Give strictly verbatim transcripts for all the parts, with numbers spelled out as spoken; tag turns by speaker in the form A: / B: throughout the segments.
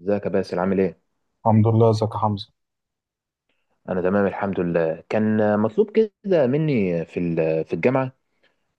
A: ازيك يا باسل عامل ايه؟
B: الحمد لله، ازيك يا حمزة؟
A: انا تمام الحمد لله. كان مطلوب كده مني في ال- في الجامعه،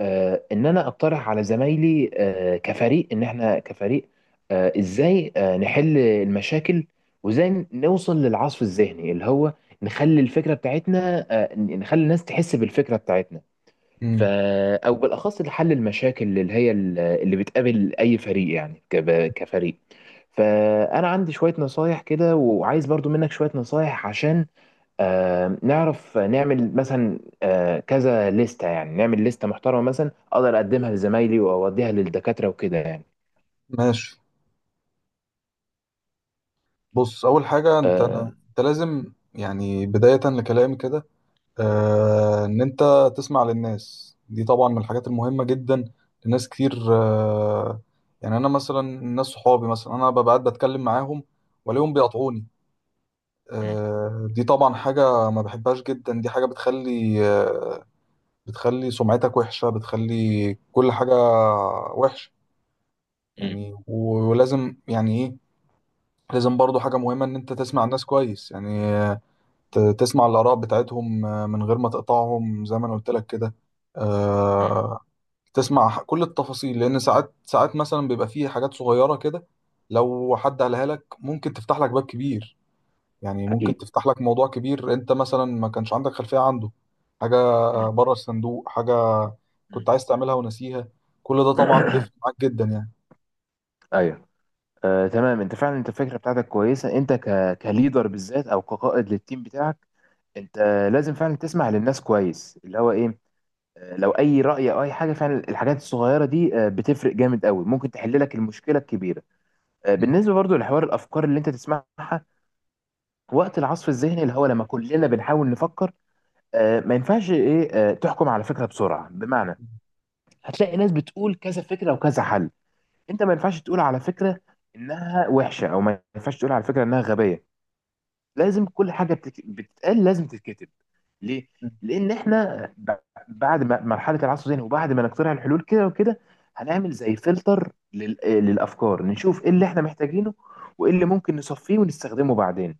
A: آه، ان انا اقترح على زمايلي، آه، كفريق، ان احنا كفريق، آه، ازاي، آه، نحل المشاكل، وازاي نوصل للعصف الذهني اللي هو نخلي الفكره بتاعتنا، آه، نخلي الناس تحس بالفكره بتاعتنا. ف
B: امم
A: او بالاخص لحل المشاكل اللي هي ال- اللي بتقابل اي فريق، يعني كب- كفريق. فانا عندي شويه نصايح كده، وعايز برضو منك شويه نصايح، عشان آه، نعرف نعمل مثلا، آه، كذا لستة، يعني نعمل لستة محترمة مثلا أقدر أقدمها لزمايلي وأوديها للدكاترة وكده يعني.
B: ماشي. بص، اول حاجة انت
A: آه،
B: انت لازم، يعني بداية لكلامي كده، آه ان انت تسمع للناس دي. طبعا من الحاجات المهمة جدا لناس كتير. آه يعني انا مثلا ناس صحابي، مثلا انا ببقى قاعد بتكلم معاهم والاقيهم بيقطعوني. آه، دي طبعا حاجة ما بحبهاش جدا. دي حاجة بتخلي، آه بتخلي سمعتك وحشة، بتخلي كل حاجة وحشة.
A: مم.
B: يعني و- ولازم، يعني ايه، لازم برضو حاجة مهمة، إن أنت تسمع الناس كويس. يعني آه، ت- تسمع الآراء بتاعتهم، آه، من غير ما تقطعهم، زي ما أنا قلت لك كده.
A: مم.
B: آه، تسمع ح- كل التفاصيل، لأن ساعات ساعات مثلا بيبقى فيه حاجات صغيرة كده، لو حد قالها لك ممكن تفتح لك باب كبير. يعني ممكن
A: أكيد.
B: تفتح لك موضوع كبير، أنت مثلا ما كانش عندك خلفية عنده. حاجة
A: مم.
B: بره الصندوق، حاجة
A: مم.
B: كنت عايز تعملها ونسيها. كل ده طبعا بيفرق معاك جدا يعني.
A: أيوه. آه، تمام، أنت فعلا، أنت الفكرة بتاعتك كويسة، أنت ك... كليدر بالذات أو كقائد للتيم بتاعك، أنت لازم فعلا تسمع للناس كويس، اللي هو إيه، آه، لو أي رأي أو أي حاجة، فعلا الحاجات الصغيرة دي آه، بتفرق جامد قوي، ممكن تحل لك المشكلة الكبيرة. آه،
B: م.
A: بالنسبة برضو لحوار الأفكار اللي أنت تسمعها وقت العصف الذهني، اللي هو لما كلنا بنحاول نفكر، آه، ما ينفعش ايه، آه، تحكم على فكره بسرعه. بمعنى، هتلاقي ناس بتقول كذا فكره وكذا حل، انت ما ينفعش تقول على فكره انها وحشه، او ما ينفعش تقول على فكره انها غبيه. لازم كل حاجه بتك... بتتقال لازم تتكتب. ليه؟ لان احنا ب... بعد ما مرحله العصف الذهني وبعد ما نقترح الحلول كده وكده، هنعمل زي فلتر لل... آه، للافكار، نشوف ايه اللي احنا محتاجينه، وايه اللي ممكن نصفيه ونستخدمه بعدين.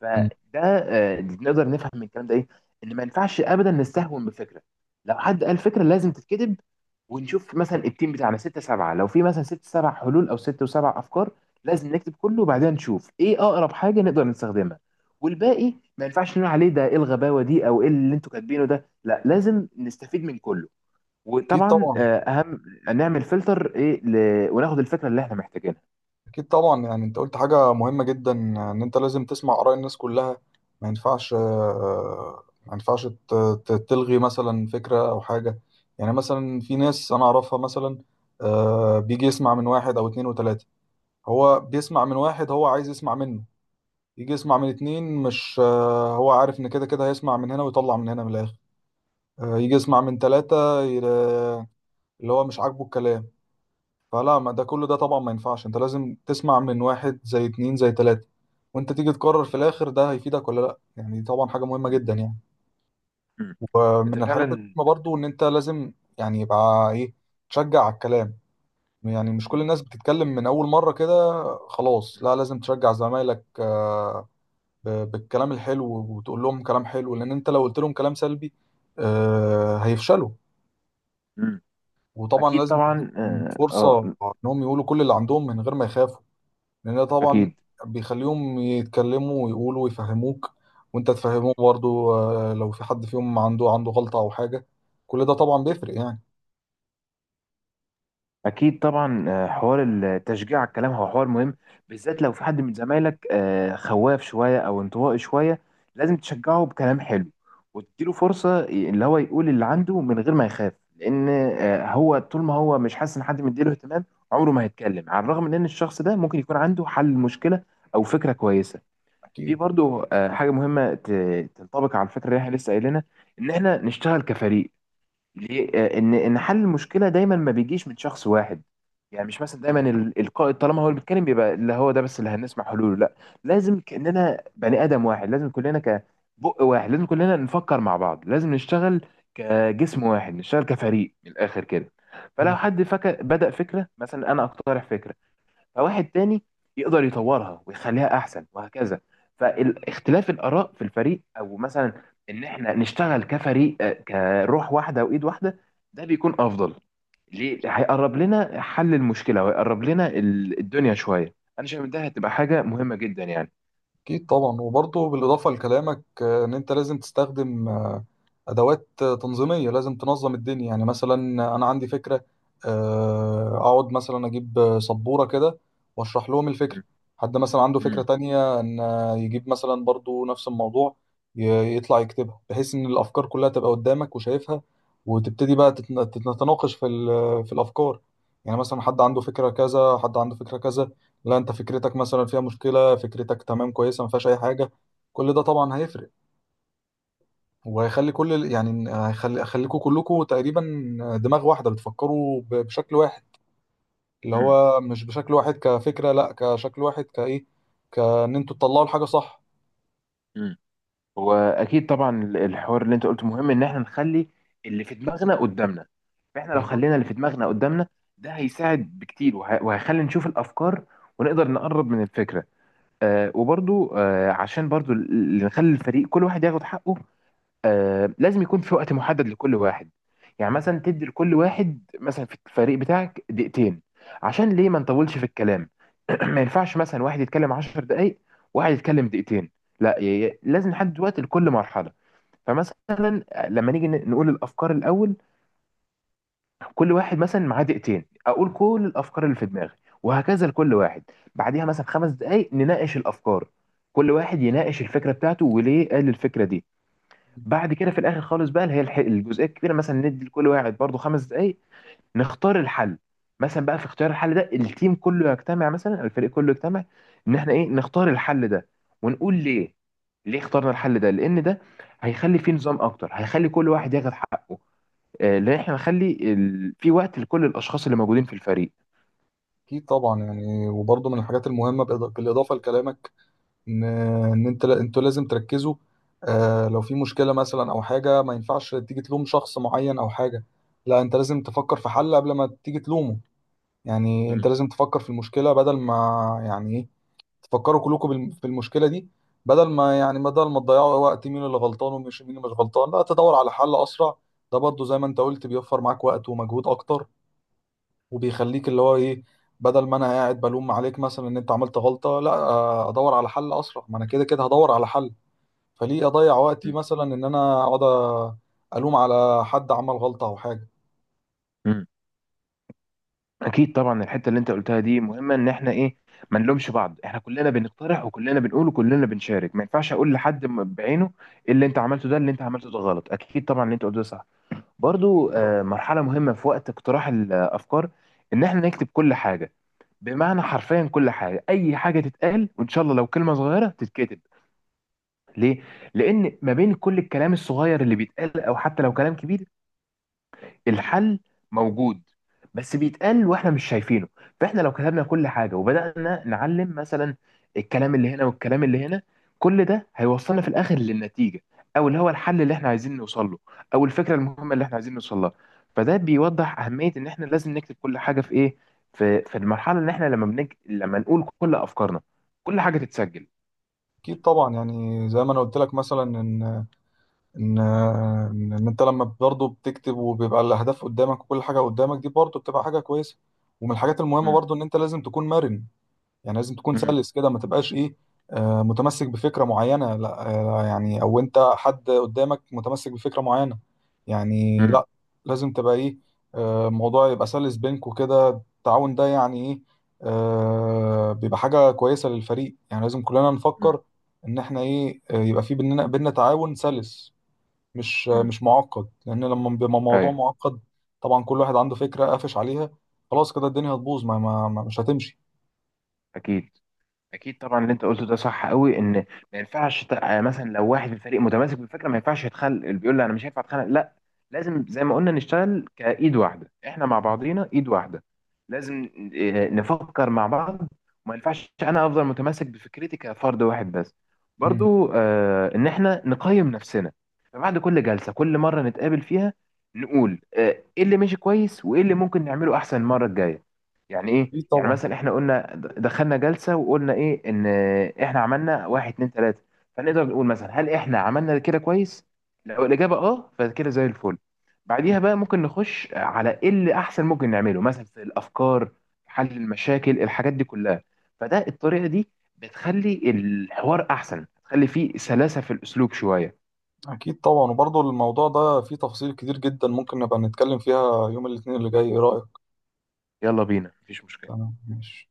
A: فده
B: م.
A: آه، نقدر نفهم من الكلام ده ايه، ان ما ينفعش ابدا نستهون بفكره، لو حد قال فكره لازم تتكتب. ونشوف مثلا التيم بتاعنا ستة سبعة، لو في مثلا ست سبع حلول او ست وسبع افكار، لازم نكتب كله وبعدين نشوف ايه اقرب حاجه نقدر نستخدمها، والباقي ما ينفعش نقول عليه ده ايه الغباوه دي او ايه اللي انتوا كاتبينه ده، لا لازم نستفيد من كله.
B: أكيد
A: وطبعا
B: طبعا.
A: آه، اهم نعمل فلتر ايه ل... وناخد الفكره اللي احنا محتاجينها.
B: اكيد طبعا، يعني انت قلت حاجه مهمه جدا، ان انت لازم تسمع اراء الناس كلها. ما ينفعش، آه، ما ينفعش ت- ت- تلغي مثلا فكره او حاجه. يعني مثلا في ناس انا اعرفها مثلا، آه، بيجي يسمع من واحد او اتنين وتلاته. هو بيسمع من واحد هو عايز يسمع منه، يجي يسمع من اتنين مش، آه، هو عارف ان كده كده هيسمع من هنا ويطلع من هنا من الاخر. آه، يجي يسمع من تلاته، ي- اللي هو مش عاجبه الكلام. فلا، ما ده، كل ده طبعا ما ينفعش. انت لازم تسمع من واحد زي اتنين زي تلاتة، وانت تيجي تقرر في الاخر ده هيفيدك ولا لا. يعني طبعا حاجة مهمة
A: م-
B: جدا يعني.
A: م. انت
B: ومن الحاجات
A: فعلا.
B: المهمة برضو ان انت لازم، يعني يبقى ايه، تشجع على الكلام. يعني مش كل
A: م-
B: الناس بتتكلم من اول مرة كده، خلاص لا، لازم تشجع زمايلك، آه، ب- بالكلام الحلو، وتقول لهم كلام حلو، لان انت لو قلت لهم كلام سلبي، آه، هيفشلوا.
A: م-
B: وطبعا
A: اكيد
B: لازم
A: طبعا،
B: تديهم
A: اه.
B: فرصة
A: آه،
B: انهم يقولوا كل اللي عندهم من غير ما يخافوا، لان ده طبعا
A: اكيد.
B: بيخليهم يتكلموا ويقولوا ويفهموك، وانت تفهموه برضو. آه، لو في حد فيهم عنده عنده غلطة او حاجة، كل ده طبعا بيفرق يعني.
A: اكيد طبعا، آه، حوار التشجيع على الكلام هو حوار مهم، بالذات لو في حد من زمايلك آه، خواف شويه او انطوائي شويه، لازم تشجعه بكلام حلو وتديله فرصه ي- اللي هو يقول اللي عنده من غير ما يخاف، لان آه، هو طول ما هو مش حاسس ان حد مديله اهتمام، عمره ما هيتكلم، على الرغم من ان الشخص ده ممكن يكون عنده حل المشكله او فكره كويسه. في
B: اكيد.
A: برضه آه، حاجه مهمه ت- تنطبق على الفكره اللي احنا لسه قايلينها، ان احنا نشتغل كفريق. ليه؟ آه، ان ان حل المشكله دايما ما بيجيش من شخص واحد. يعني مش مثلا دايما ال- القائد طالما هو اللي بيتكلم بيبقى اللي هو ده بس اللي هنسمع حلوله، لا. لازم كاننا بني ادم واحد، لازم كلنا كبق واحد، لازم كلنا نفكر مع بعض، لازم نشتغل كجسم واحد، نشتغل كفريق من الاخر كده. فلو
B: مم.
A: حد فكر بدأ فكره، مثلا انا اقترح فكره، فواحد تاني يقدر يطورها ويخليها احسن وهكذا. فاختلاف الاراء في الفريق، او مثلا ان احنا نشتغل كفريق، آه، كروح واحده وايد واحده، ده بيكون افضل. ليه؟ هيقرب لنا حل المشكله، وهيقرب لنا ال- الدنيا شويه. انا شايف إن ده هتبقى حاجه مهمه جدا يعني.
B: اكيد طبعا، وبرضو بالاضافة لكلامك، آه، ان انت لازم تستخدم ادوات تنظيميه. لازم تنظم الدنيا. يعني مثلا انا عندي فكره، آه، اقعد مثلا اجيب سبوره كده واشرح لهم الفكره. حد مثلا عنده فكره
A: مم.
B: تانية، ان يجيب مثلا برضو نفس الموضوع، ي- يطلع يكتبها، بحيث ان الافكار كلها تبقى قدامك وشايفها، وتبتدي بقى تتن- تتناقش في ال- في الافكار. يعني مثلا حد عنده فكره كذا، حد عنده فكره كذا، لا انت فكرتك مثلا فيها مشكله، فكرتك تمام كويسه ما فيهاش اي حاجه. كل ده طبعا هيفرق، وهيخلي كل ال- يعني هيخلي هيخليكوا كلكوا تقريبا دماغ واحدة، بتفكروا ب- بشكل واحد. اللي
A: مم.
B: هو مش بشكل واحد كفكرة، لا، كشكل واحد، كإيه، كإن انتوا تطلعوا الحاجة صح.
A: مم. واكيد طبعا الحوار اللي انت قلته مهم، ان احنا نخلي اللي في دماغنا قدامنا. فاحنا لو
B: بالظبط.
A: خلينا اللي في دماغنا قدامنا، ده هيساعد بكتير، وه- وهيخلي نشوف الافكار، ونقدر نقرب من الفكره. آه، وبرضو آه، عشان برضو ال- ال- نخلي الفريق كل واحد ياخد حقه. آه، لازم يكون في وقت محدد لكل واحد. يعني
B: م-
A: مثلا تدي لكل واحد مثلا في الفريق بتاعك دقيقتين، عشان ليه ما نطولش في الكلام. ما ينفعش مثلا واحد يتكلم عشر دقايق واحد يتكلم دقيقتين، لا ي- ي- لازم نحدد وقت لكل مرحلة. فمثلا لما نيجي ن- نقول الأفكار الأول، كل واحد مثلا معاه دقيقتين، أقول كل الأفكار اللي في دماغي، وهكذا لكل واحد. بعديها مثلا خمس دقايق نناقش الأفكار، كل واحد يناقش الفكرة بتاعته وليه قال الفكرة دي.
B: م-
A: بعد كده في الاخر خالص بقى، اللي هي الح- الجزئيه الكبيره، مثلا ندي لكل واحد برضو خمس دقائق نختار الحل. مثلا بقى في اختيار الحل ده، التيم كله يجتمع، مثلا الفريق كله يجتمع، ان احنا ايه نختار الحل ده، ونقول ليه، ليه اخترنا
B: م.
A: الحل ده. لان ده هيخلي فيه نظام اكتر، هيخلي كل واحد ياخد حقه، آه، لان احنا نخلي ال... في وقت لكل الاشخاص اللي موجودين في الفريق.
B: أكيد طبعا. يعني وبرضه من الحاجات المهمة، بإض- بالإضافة لكلامك، إن إن أنت، لا- أنتوا لازم تركزوا. آه، لو في مشكلة مثلا أو حاجة، ما ينفعش تيجي تلوم شخص معين أو حاجة، لا، أنت لازم تفكر في حل قبل ما تيجي تلومه. يعني أنت
A: مم.
B: لازم تفكر في المشكلة، بدل ما، يعني إيه، تفكروا كلكم بالم- في المشكله دي. بدل ما، يعني بدل ما تضيعوا وقت مين اللي غلطان ومش مين اللي مش غلطان، لا، تدور على حل اسرع. ده برضو زي ما انت قلت بيوفر معاك وقت ومجهود اكتر، وبيخليك اللي هو ايه، بدل ما انا قاعد بلوم عليك مثلا ان انت عملت غلطه، لا، آه، ادور على حل اسرع، ما انا كده كده هدور على حل. فليه اضيع وقتي مثلا ان انا اقعد الوم على حد عمل غلطه او حاجه؟
A: مم. اكيد طبعا الحته اللي انت قلتها دي مهمه، ان احنا ايه، ما نلومش بعض. احنا كلنا بنقترح وكلنا بنقول وكلنا بنشارك، ما ينفعش اقول لحد م- بعينه إيه اللي انت عملته ده، اللي انت عملته ده غلط. اكيد طبعا اللي انت قلته ده صح. برضو
B: اكيد طبعا.
A: آه، مرحله مهمه في وقت اقتراح الافكار، ان احنا نكتب كل حاجه. بمعنى حرفيا كل حاجه، اي حاجه تتقال، وان شاء الله لو كلمه صغيره تتكتب. ليه؟ لان ما بين كل الكلام الصغير اللي بيتقال، او حتى لو كلام كبير، الحل موجود، بس بيتقال واحنا مش شايفينه. فاحنا لو كتبنا كل حاجه وبدانا نعلم مثلا الكلام اللي هنا والكلام اللي هنا، كل ده هيوصلنا في الاخر للنتيجه، او اللي هو الحل اللي احنا عايزين نوصل له، او الفكره المهمه اللي احنا عايزين نوصل لها. فده بيوضح اهميه ان احنا لازم نكتب كل حاجه في ايه، في في المرحله اللي احنا لما بنج... لما نقول كل افكارنا كل حاجه تتسجل.
B: أكيد طبعاً، يعني زي ما انا قلت لك مثلا ان، ان ان إن انت لما برضه بتكتب، وبيبقى الاهداف قدامك وكل حاجه قدامك، دي برضه بتبقى حاجه كويسه. ومن الحاجات المهمه
A: امم.
B: برضه ان انت لازم تكون مرن. يعني لازم تكون
A: امم.
B: سلس كده، ما تبقاش ايه، آه، متمسك بفكره معينه، لا، آه، يعني او انت حد قدامك متمسك بفكره معينه، يعني لا، لازم تبقى ايه، آه، الموضوع يبقى سلس بينكوا كده. التعاون ده يعني ايه، آه، بيبقى حاجه كويسه للفريق. يعني لازم كلنا
A: امم.
B: نفكر ان احنا ايه، آه، يبقى في بيننا بيننا تعاون سلس، مش
A: امم.
B: مش معقد. لان لما بيبقى موضوع
A: ايوه.
B: معقد، طبعا كل واحد عنده فكره قافش عليها، خلاص كده الدنيا هتبوظ، ما, ما, ما مش هتمشي.
A: اكيد. اكيد طبعا اللي انت قلته ده صح قوي، ان ما ينفعش ت- آه، مثلا لو واحد في الفريق متماسك بالفكره، ما ينفعش يتخلق اللي بيقول لي انا مش هينفع اتخانق، لا. لازم زي ما قلنا نشتغل كايد واحده، احنا مع بعضينا ايد واحده. لازم آه، نفكر مع بعض، وما ينفعش انا افضل متمسك بفكرتي كفرد واحد بس.
B: مم.
A: برضو آه، ان احنا نقيم نفسنا. فبعد كل جلسه كل مره نتقابل فيها، نقول آه، ايه اللي ماشي كويس وايه اللي ممكن نعمله احسن المره الجايه. يعني ايه؟
B: اكيد
A: يعني
B: طبعا.
A: مثلا احنا قلنا دخلنا جلسه وقلنا ايه، ان احنا عملنا واحد اتنين تلاته، فنقدر نقول مثلا هل احنا عملنا كده كويس، لو الاجابه اه فكده زي الفل.
B: مم.
A: بعديها بقى ممكن نخش على ايه اللي احسن ممكن نعمله مثلا في الافكار، حل المشاكل الحاجات دي كلها. فده الطريقه دي بتخلي الحوار احسن، بتخلي فيه سلاسه في الاسلوب شويه.
B: اكيد طبعا، وبرضه الموضوع ده فيه تفاصيل كتير جدا، ممكن نبقى نتكلم فيها يوم الاثنين اللي جاي، ايه رايك؟
A: يلا بينا، مفيش مشكله.
B: انا ماشي.